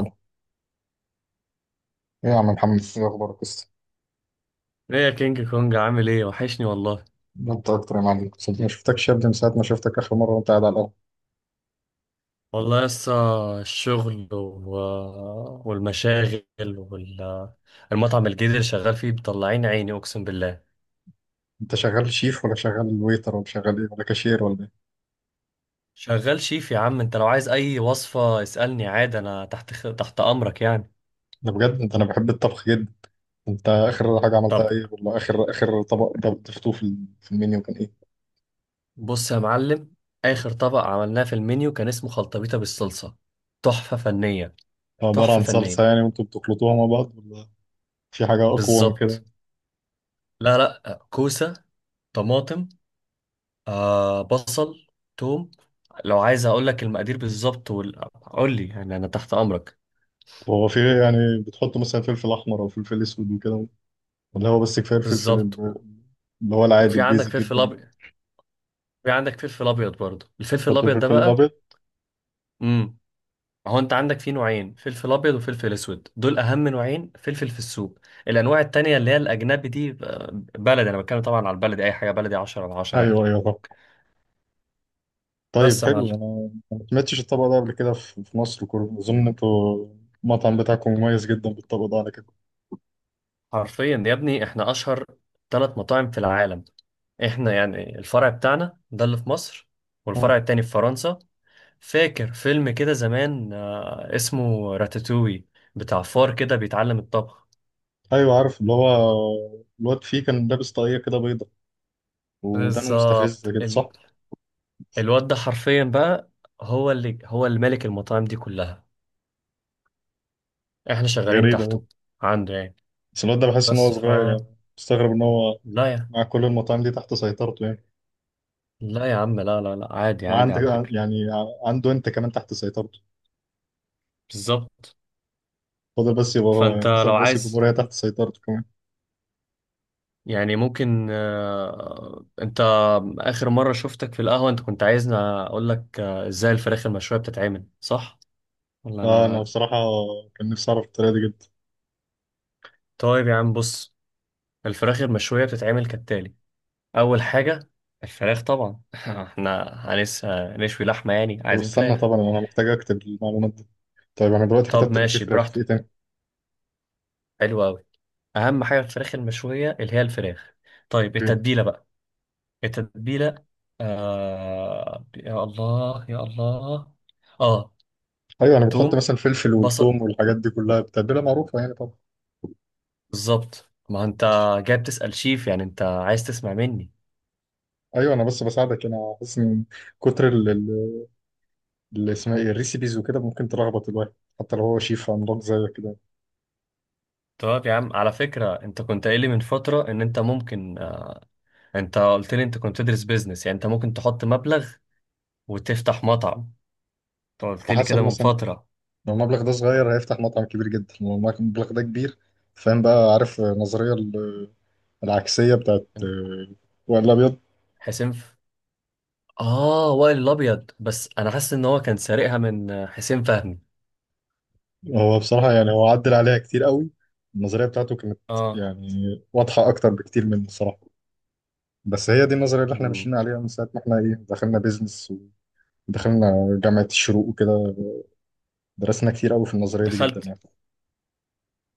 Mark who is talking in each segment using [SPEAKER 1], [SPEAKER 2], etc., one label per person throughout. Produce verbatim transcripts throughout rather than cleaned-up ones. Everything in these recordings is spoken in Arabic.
[SPEAKER 1] ايه؟ يا عم محمد، ايه اخبارك لسه؟
[SPEAKER 2] ايه يا كينج كونج عامل ايه وحشني والله.
[SPEAKER 1] ده انت اكتر يا معلم، صدق ما شفتكش يا ابني من ساعه ما شفتك اخر مره وانت قاعد على القهوه.
[SPEAKER 2] والله لسه الشغل و... والمشاغل والمطعم الجديد اللي شغال فيه مطلعين عيني اقسم بالله.
[SPEAKER 1] انت شغال شيف ولا شغال ويتر ولا شغال ايه ولا كاشير ولا ايه؟
[SPEAKER 2] شغال شيف يا عم. انت لو عايز اي وصفة اسألني عادي، انا تحت خ... تحت امرك يعني.
[SPEAKER 1] انا بجد انت، انا بحب الطبخ جدا. انت اخر حاجه
[SPEAKER 2] طب
[SPEAKER 1] عملتها ايه، ولا اخر اخر طبق انت ضفتوه في ال- في المنيو كان ايه؟
[SPEAKER 2] بص يا معلم، اخر طبق عملناه في المنيو كان اسمه خلطبيطة بالصلصة. تحفة فنية
[SPEAKER 1] عباره
[SPEAKER 2] تحفة
[SPEAKER 1] عن صلصه
[SPEAKER 2] فنية.
[SPEAKER 1] يعني وانتوا بتخلطوها مع بعض، ولا في حاجه اقوى من
[SPEAKER 2] بالظبط.
[SPEAKER 1] كده؟
[SPEAKER 2] لا لا، كوسة، طماطم، آه بصل، توم. لو عايز اقول لك المقادير بالظبط وال... قول لي يعني انا تحت امرك.
[SPEAKER 1] طب هو في إيه يعني؟ بتحطوا مثلا فلفل احمر او فلفل اسود وكده، ولا هو بس كفايه الفلفل
[SPEAKER 2] بالظبط و...
[SPEAKER 1] ال- اللي هو العادي
[SPEAKER 2] وفي عندك
[SPEAKER 1] البيزك جدا
[SPEAKER 2] فلفل
[SPEAKER 1] ده؟
[SPEAKER 2] ابيض. في عندك فلفل ابيض برضه، الفلفل
[SPEAKER 1] بتحطوا
[SPEAKER 2] الابيض
[SPEAKER 1] الفلفل
[SPEAKER 2] ده بقى.
[SPEAKER 1] الابيض؟
[SPEAKER 2] امم هو انت عندك فيه نوعين، فلفل ابيض وفلفل اسود، دول اهم نوعين فلفل في السوق. الانواع التانية اللي هي الاجنبي دي آه، بلدي. انا بتكلم طبعا على البلدي، اي حاجه بلدي عشرة على عشرة
[SPEAKER 1] ايوه
[SPEAKER 2] يعني.
[SPEAKER 1] ايوه. طيب
[SPEAKER 2] بس يا معلم،
[SPEAKER 1] حلو، انا أنا ما سمعتش الطبق ده قبل كده في في مصر كله، اظن انتوا المطعم بتاعكم مميز جدا بالطبق ده على كده.
[SPEAKER 2] حرفيا يا ابني احنا اشهر ثلاث مطاعم في العالم. احنا يعني الفرع بتاعنا ده اللي في مصر، والفرع
[SPEAKER 1] آه.
[SPEAKER 2] التاني في فرنسا. فاكر فيلم كده زمان آه، اسمه راتاتوي، بتاع فار كده بيتعلم الطبخ.
[SPEAKER 1] ايوه عارف اللي هو الواد فيه كان لابس طاقية كده بيضة، ودانه مستفزة
[SPEAKER 2] بالظبط
[SPEAKER 1] كده،
[SPEAKER 2] ال...
[SPEAKER 1] صح؟
[SPEAKER 2] الواد ده حرفيا بقى هو اللي هو اللي مالك المطاعم دي كلها، احنا شغالين
[SPEAKER 1] غريبة أوي.
[SPEAKER 2] تحته. عنده يعني.
[SPEAKER 1] بس الواد ده بحس ان هو
[SPEAKER 2] بس ف
[SPEAKER 1] صغير، يعني مستغرب ان هو
[SPEAKER 2] لا يا
[SPEAKER 1] مع كل المطاعم دي تحت سيطرته يعني.
[SPEAKER 2] لا يا عم، لا لا لا عادي عادي
[SPEAKER 1] وعندك،
[SPEAKER 2] على فكرة.
[SPEAKER 1] يعني عنده انت كمان تحت سيطرته.
[SPEAKER 2] بالظبط.
[SPEAKER 1] فاضل بس يبقى هو
[SPEAKER 2] فانت
[SPEAKER 1] يعني مثلا
[SPEAKER 2] لو
[SPEAKER 1] رئيس
[SPEAKER 2] عايز
[SPEAKER 1] الجمهورية تحت سيطرته كمان.
[SPEAKER 2] يعني ممكن، آه، انت اخر مرة شفتك في القهوة انت كنت عايزني اقول لك آه، ازاي الفراخ المشوية بتتعمل، صح ولا
[SPEAKER 1] اه، انا
[SPEAKER 2] انا؟
[SPEAKER 1] بصراحة كان نفسي اعرف الطريقة دي جدا.
[SPEAKER 2] طيب يا عم بص، الفراخ المشوية بتتعمل كالتالي: اول حاجة الفراخ طبعا احنا هنس هنشوي لحمة يعني
[SPEAKER 1] طب
[SPEAKER 2] عايزين
[SPEAKER 1] استنى،
[SPEAKER 2] فراخ.
[SPEAKER 1] طبعا انا محتاج اكتب المعلومات دي. طيب انا دلوقتي
[SPEAKER 2] طب
[SPEAKER 1] كتبت ان في
[SPEAKER 2] ماشي
[SPEAKER 1] فراخ، في
[SPEAKER 2] براحتك،
[SPEAKER 1] ايه تاني؟
[SPEAKER 2] حلو قوي. اهم حاجة في الفراخ المشوية اللي هي الفراخ. طيب
[SPEAKER 1] اوكي.
[SPEAKER 2] التتبيلة بقى، التتبيلة. آه... يا الله يا الله. اه
[SPEAKER 1] ايوه، انا بتحط
[SPEAKER 2] توم،
[SPEAKER 1] مثلا فلفل
[SPEAKER 2] بصل.
[SPEAKER 1] والثوم والحاجات دي كلها، بتتبيله معروفه يعني طبعا.
[SPEAKER 2] بالظبط، ما انت
[SPEAKER 1] ماشي.
[SPEAKER 2] جاي بتسأل شيف يعني انت عايز تسمع مني.
[SPEAKER 1] ايوه، انا بس بساعدك، انا حاسس ان كتر ال- ال- اللي اسمها ايه الريسيبيز وكده ممكن تلخبط الواحد، حتى لو هو شيف عملاق زيك كده.
[SPEAKER 2] طب يا عم، على فكرة انت كنت قايل لي من فترة ان انت ممكن اه، انت قلت لي انت كنت تدرس بيزنس، يعني انت ممكن تحط مبلغ وتفتح مطعم. انت قلت
[SPEAKER 1] على
[SPEAKER 2] لي كده
[SPEAKER 1] حسب،
[SPEAKER 2] من
[SPEAKER 1] مثلا
[SPEAKER 2] فترة.
[SPEAKER 1] لو المبلغ ده صغير هيفتح مطعم كبير جدا، لو المبلغ ده كبير. فاهم بقى؟ عارف النظريه ال- العكسيه بتاعت آه، وائل الابيض.
[SPEAKER 2] حسين ف... اه وائل الابيض. بس انا حاسس ان هو كان سارقها من اه، حسين فهمي.
[SPEAKER 1] هو بصراحه يعني هو عدل عليها كتير قوي. النظريه بتاعته كانت
[SPEAKER 2] اه.
[SPEAKER 1] يعني واضحه اكتر بكتير من الصراحه، بس هي دي النظرية اللي احنا
[SPEAKER 2] مم.
[SPEAKER 1] ماشيين عليها من ساعة ما احنا ايه دخلنا بيزنس ودخلنا جامعة الشروق وكده. درسنا كتير قوي في النظرية دي جدا
[SPEAKER 2] دخلت.
[SPEAKER 1] يعني.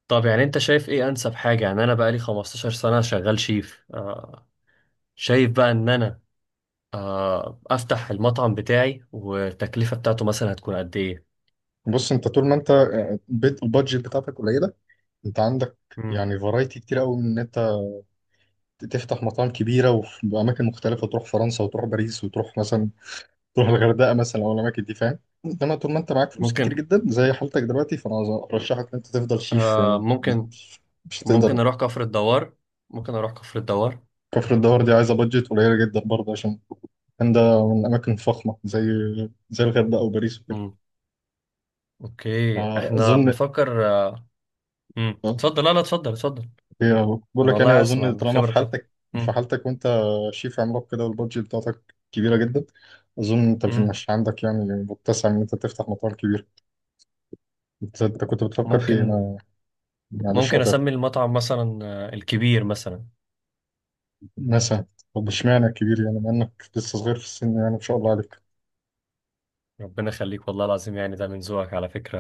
[SPEAKER 2] طب يعني انت شايف ايه انسب حاجة؟ يعني انا بقالي خمستاشر سنة شغال شيف آه. شايف بقى ان انا آه، افتح المطعم بتاعي والتكلفة بتاعته مثلا هتكون قد ايه؟
[SPEAKER 1] بص انت طول ما انت بيت- البادجت بتاعتك قليلة، انت عندك
[SPEAKER 2] مم.
[SPEAKER 1] يعني فرايتي كتير قوي من ان انت تفتح مطاعم كبيرة وفي أماكن مختلفة، تروح فرنسا وتروح باريس وتروح مثلا، تروح الغردقة مثلا أو الأماكن دي فاهم. انما طول ما انت معاك فلوس كتير
[SPEAKER 2] ممكن،
[SPEAKER 1] جدا زي حالتك دلوقتي فانا ارشحك ان انت تفضل شيف
[SPEAKER 2] آه،
[SPEAKER 1] يعني.
[SPEAKER 2] ممكن.
[SPEAKER 1] مش هتقدر.
[SPEAKER 2] ممكن اروح كفر الدوار، ممكن اروح كفر الدوار.
[SPEAKER 1] كفر الدوار دي عايزة بادجت قليلة جدا برضه، عشان كان ده من أماكن فخمة زي زي الغردقة أو باريس وكده.
[SPEAKER 2] مم. اوكي، احنا
[SPEAKER 1] أظن
[SPEAKER 2] بنفكر آه، مم.
[SPEAKER 1] آه،
[SPEAKER 2] اتفضل، لا لا اتفضل اتفضل.
[SPEAKER 1] هي بقول
[SPEAKER 2] انا
[SPEAKER 1] لك
[SPEAKER 2] والله
[SPEAKER 1] يعني،
[SPEAKER 2] عايز اسمع
[SPEAKER 1] أظن طالما
[SPEAKER 2] الخبرة
[SPEAKER 1] في
[SPEAKER 2] بتاعتك.
[SPEAKER 1] حالتك، في
[SPEAKER 2] مم.
[SPEAKER 1] حالتك وأنت شيف عملاق كده والبادجت بتاعتك كبيرة جدا. أظن أنت مش
[SPEAKER 2] مم.
[SPEAKER 1] مش عندك يعني متسع إن أنت تفتح مطار كبير. أنت أنت كنت بتفكر في إيه؟
[SPEAKER 2] ممكن.
[SPEAKER 1] أنا معلش
[SPEAKER 2] ممكن
[SPEAKER 1] قطعت.
[SPEAKER 2] اسمي المطعم مثلا آه، الكبير مثلا.
[SPEAKER 1] مثلا. طب إشمعنى كبير يعني، مع إنك لسه صغير في السن يعني ما شاء الله عليك.
[SPEAKER 2] ربنا يخليك، والله العظيم يعني ده من ذوقك على فكرة.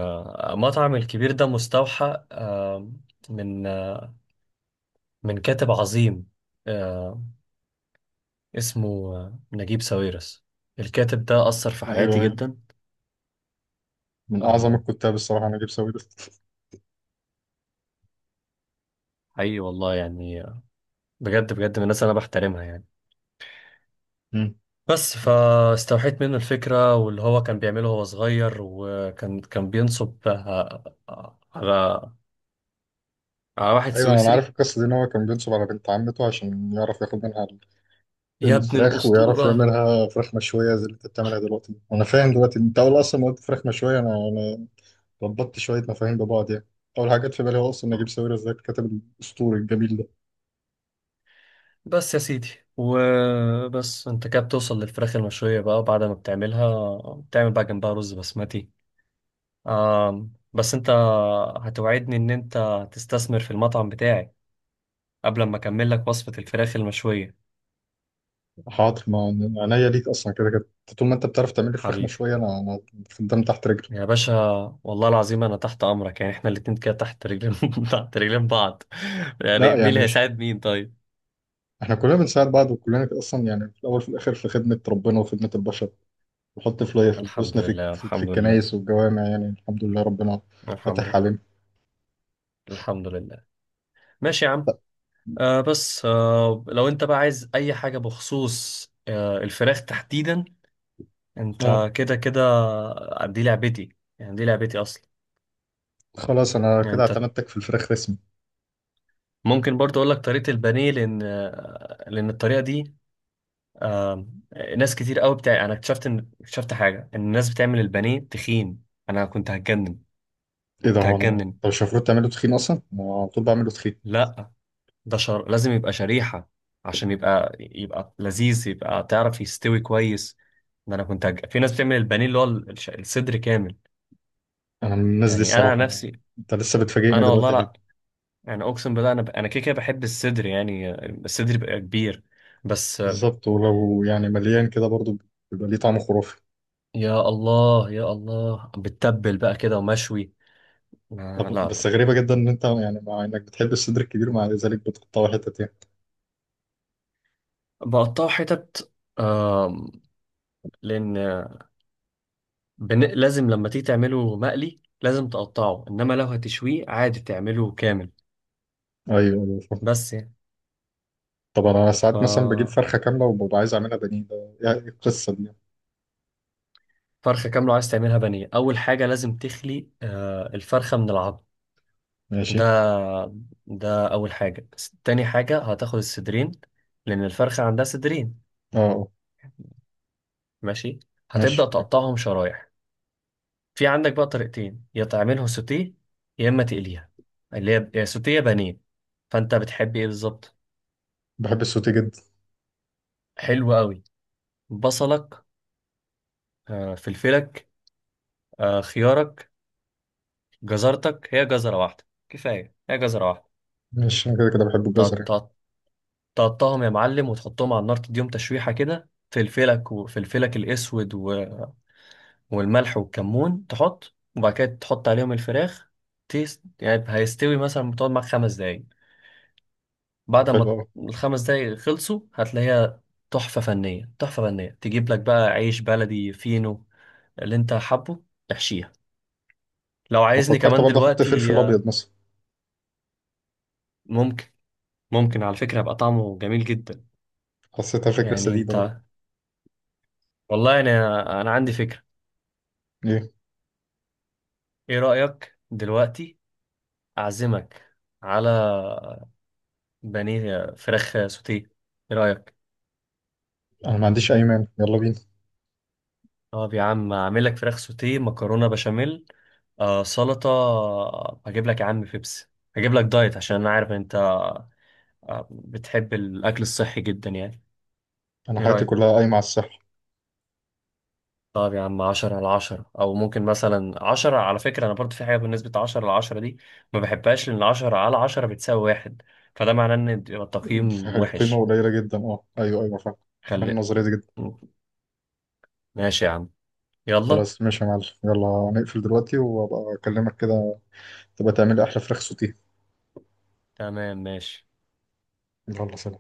[SPEAKER 2] آه، مطعم الكبير ده مستوحى، آه، من آه، من كاتب عظيم، آه، اسمه آه، نجيب ساويرس. الكاتب ده أثر في حياتي
[SPEAKER 1] أيوه أيوه.
[SPEAKER 2] جدا.
[SPEAKER 1] من أعظم
[SPEAKER 2] آه،
[SPEAKER 1] الكتاب الصراحة نجيب ساويرس.
[SPEAKER 2] حقيقي والله يعني، آه، بجد بجد من الناس اللي أنا بحترمها يعني. بس فاستوحيت منه الفكرة، واللي هو كان بيعمله وهو صغير وكان كان بينصب آه، آه، على على واحد
[SPEAKER 1] ايوه انا عارف
[SPEAKER 2] سويسري.
[SPEAKER 1] القصه دي، ان هو كان بينصب على بنت عمته عشان يعرف ياخد منها
[SPEAKER 2] يا ابن
[SPEAKER 1] الفراخ، ويعرف
[SPEAKER 2] الأسطورة.
[SPEAKER 1] يعملها فراخ مشويه زي اللي انت بتعملها دلوقتي. وانا فاهم دلوقتي، انت اول اصلا ما قلت فراخ مشويه انا انا ربطت شويه مفاهيم ببعض يعني. اول حاجه جت في بالي هو اصلا نجيب ساويرس، ازاي الكاتب الاسطوري الجميل ده.
[SPEAKER 2] بس يا سيدي، وبس انت كده بتوصل للفراخ المشوية بقى، بعد ما بتعملها بتعمل بقى جنبها رز بسمتي. آم، بس انت هتوعدني ان انت تستثمر في المطعم بتاعي قبل ما اكمل لك وصفة الفراخ المشوية.
[SPEAKER 1] حاضر، ما عينيا ليك اصلا كده كده. طول ما انت بتعرف تعمل لي فراخ
[SPEAKER 2] حبيبي،
[SPEAKER 1] مشويه انا انا خدام تحت رجلي.
[SPEAKER 2] يا باشا، والله العظيم انا تحت امرك. يعني احنا الاتنين كده تحت رجلين تحت رجلين بعض. يعني
[SPEAKER 1] لا
[SPEAKER 2] مين
[SPEAKER 1] يعني
[SPEAKER 2] اللي
[SPEAKER 1] مش،
[SPEAKER 2] هيساعد مين طيب؟
[SPEAKER 1] احنا كلنا بنساعد بعض وكلنا اصلا يعني في الاول وفي الاخر في خدمه ربنا وخدمه البشر. نحط فلاير في
[SPEAKER 2] الحمد
[SPEAKER 1] فلوسنا في
[SPEAKER 2] لله
[SPEAKER 1] في, في
[SPEAKER 2] الحمد لله.
[SPEAKER 1] الكنايس والجوامع يعني الحمد لله ربنا
[SPEAKER 2] الحمد
[SPEAKER 1] فاتح
[SPEAKER 2] لله.
[SPEAKER 1] علينا.
[SPEAKER 2] الحمد لله. ماشي يا عم. آه بس آه لو انت بقى عايز اي حاجة بخصوص آه الفراخ تحديدا،
[SPEAKER 1] اه.
[SPEAKER 2] انت كده كده آه، دي لعبتي. يعني دي لعبتي اصلا.
[SPEAKER 1] خلاص انا
[SPEAKER 2] يعني
[SPEAKER 1] كده
[SPEAKER 2] انت
[SPEAKER 1] اعتمدتك في الفراخ رسمي.
[SPEAKER 2] ممكن برضه اقول لك طريقه البانيه، لان آه، لان الطريقه دي آه، ناس كتير قوي بتاع. انا اكتشفت ان اكتشفت حاجه ان الناس بتعمل البانيه تخين. انا كنت هتجنن،
[SPEAKER 1] ايه ده؟
[SPEAKER 2] كنت
[SPEAKER 1] هو انا،
[SPEAKER 2] هتجنن.
[SPEAKER 1] انت مش المفروض تعمله تخين اصلا؟ انا على طول بعمله تخين.
[SPEAKER 2] لا، ده شر... لازم يبقى شريحه عشان يبقى يبقى لذيذ، يبقى تعرف يستوي كويس. ده انا كنت هج... في ناس بتعمل البانيه اللي هو الش- الصدر كامل.
[SPEAKER 1] انا من الناس دي
[SPEAKER 2] يعني انا عن
[SPEAKER 1] الصراحه، انا
[SPEAKER 2] نفسي،
[SPEAKER 1] انت لسه بتفاجئني
[SPEAKER 2] انا والله
[SPEAKER 1] دلوقتي ها.
[SPEAKER 2] لا. يعني اقسم بالله انا ب... انا كده كده بحب الصدر يعني، الصدر بيبقى كبير بس.
[SPEAKER 1] بالظبط، ولو يعني مليان كده برضو بيبقى ليه طعم خرافي.
[SPEAKER 2] يا الله يا الله، بتتبل بقى كده ومشوي. ما-
[SPEAKER 1] طب
[SPEAKER 2] لا
[SPEAKER 1] بس
[SPEAKER 2] لا.
[SPEAKER 1] غريبه جدا ان انت، يعني مع انك بتحب الصدر الكبير مع ذلك بتقطعه حتت يعني.
[SPEAKER 2] بقطعه حتت آم، لأن بن... لازم لما تيجي تعمله مقلي لازم تقطعه، إنما لو هتشويه عادي تعمله كامل.
[SPEAKER 1] ايوه ايوه فاهم.
[SPEAKER 2] بس يعني.
[SPEAKER 1] طب انا
[SPEAKER 2] ف
[SPEAKER 1] ساعات مثلا بجيب فرخه كامله وببقى عايز اعملها بانيه، ده يعني إيه القصه دي يعني؟
[SPEAKER 2] فرخة كاملة عايز تعملها بانيه، أول حاجة لازم تخلي آه، الفرخة من العظم.
[SPEAKER 1] ماشي.
[SPEAKER 2] ده ده أول حاجة. تاني حاجة هتاخد الصدرين، لأن الفرخة عندها صدرين.
[SPEAKER 1] اه اه.
[SPEAKER 2] ماشي.
[SPEAKER 1] ماشي.
[SPEAKER 2] هتبدأ تقطعهم شرايح. في عندك بقى طريقتين، يا تعملها سوتيه يا اما تقليها، اللي هي يا سوتيه يا بانيه. فانت بتحب ايه بالظبط؟
[SPEAKER 1] بحب السوتي جدا.
[SPEAKER 2] حلو قوي. بصلك، آه، فلفلك، آه، خيارك، جزرتك. هي جزره واحده كفايه، هي جزره واحده.
[SPEAKER 1] ماشي، انا كده كده بحب الجزر
[SPEAKER 2] تق-
[SPEAKER 1] يعني.
[SPEAKER 2] تق- تقطعهم يا معلم وتحطهم على النار، تديهم تشويحه كده، فلفلك وفلفلك الاسود و- والملح والكمون تحط، وبعد كده تحط عليهم الفراخ. تيست يعني هيستوي، مثلا بتقعد معاك خمس دقايق.
[SPEAKER 1] طب
[SPEAKER 2] بعد
[SPEAKER 1] حلو
[SPEAKER 2] ما
[SPEAKER 1] قوي.
[SPEAKER 2] الخمس دقايق خلصوا هتلاقيها تحفة فنية تحفة فنية. تجيب لك بقى عيش بلدي فينو اللي انت حابه، تحشيها. لو
[SPEAKER 1] انا
[SPEAKER 2] عايزني
[SPEAKER 1] فكرت
[SPEAKER 2] كمان
[SPEAKER 1] برضه احط فلفل
[SPEAKER 2] دلوقتي
[SPEAKER 1] ابيض
[SPEAKER 2] آه،
[SPEAKER 1] مثلا.
[SPEAKER 2] ممكن، ممكن على فكرة يبقى طعمه جميل جدا.
[SPEAKER 1] حسيتها فكره
[SPEAKER 2] يعني
[SPEAKER 1] سديده برضه.
[SPEAKER 2] انت، والله انا انا عندي فكرة.
[SPEAKER 1] ايه؟
[SPEAKER 2] ايه رأيك دلوقتي، اعزمك على بانيه فراخ سوتيه، ايه رأيك؟
[SPEAKER 1] انا ما عنديش اي مانع، يلا بينا.
[SPEAKER 2] طب يا عم، اعمل لك فراخ سوتيه، مكرونة بشاميل، آه سلطة، هجيب لك يا عم بيبسي، هجيب لك دايت عشان انا عارف انت آه، بتحب الأكل الصحي جدا يعني.
[SPEAKER 1] انا
[SPEAKER 2] ايه
[SPEAKER 1] حياتي
[SPEAKER 2] رأيك؟
[SPEAKER 1] كلها قايمه على الصحه.
[SPEAKER 2] طب يا عم، عشرة على عشرة. أو ممكن مثلا عشرة، على فكرة أنا برضو في حاجة بالنسبة عشرة على عشرة دي ما بحبهاش، لأن عشرة على عشرة بتساوي واحد، فده معناه إن يبقى التقييم وحش.
[SPEAKER 1] القيمه قليله جدا، اه ايوه ايوه فاهم. فاهم
[SPEAKER 2] خلي.
[SPEAKER 1] النظريه دي جدا.
[SPEAKER 2] ماشي يا عم، يلا.
[SPEAKER 1] خلاص ماشي يا معلم، يلا نقفل دلوقتي وابقى اكلمك كده. تبقى تعملي احلى فراخ سوتيه.
[SPEAKER 2] تمام ماشي.
[SPEAKER 1] يلا سلام.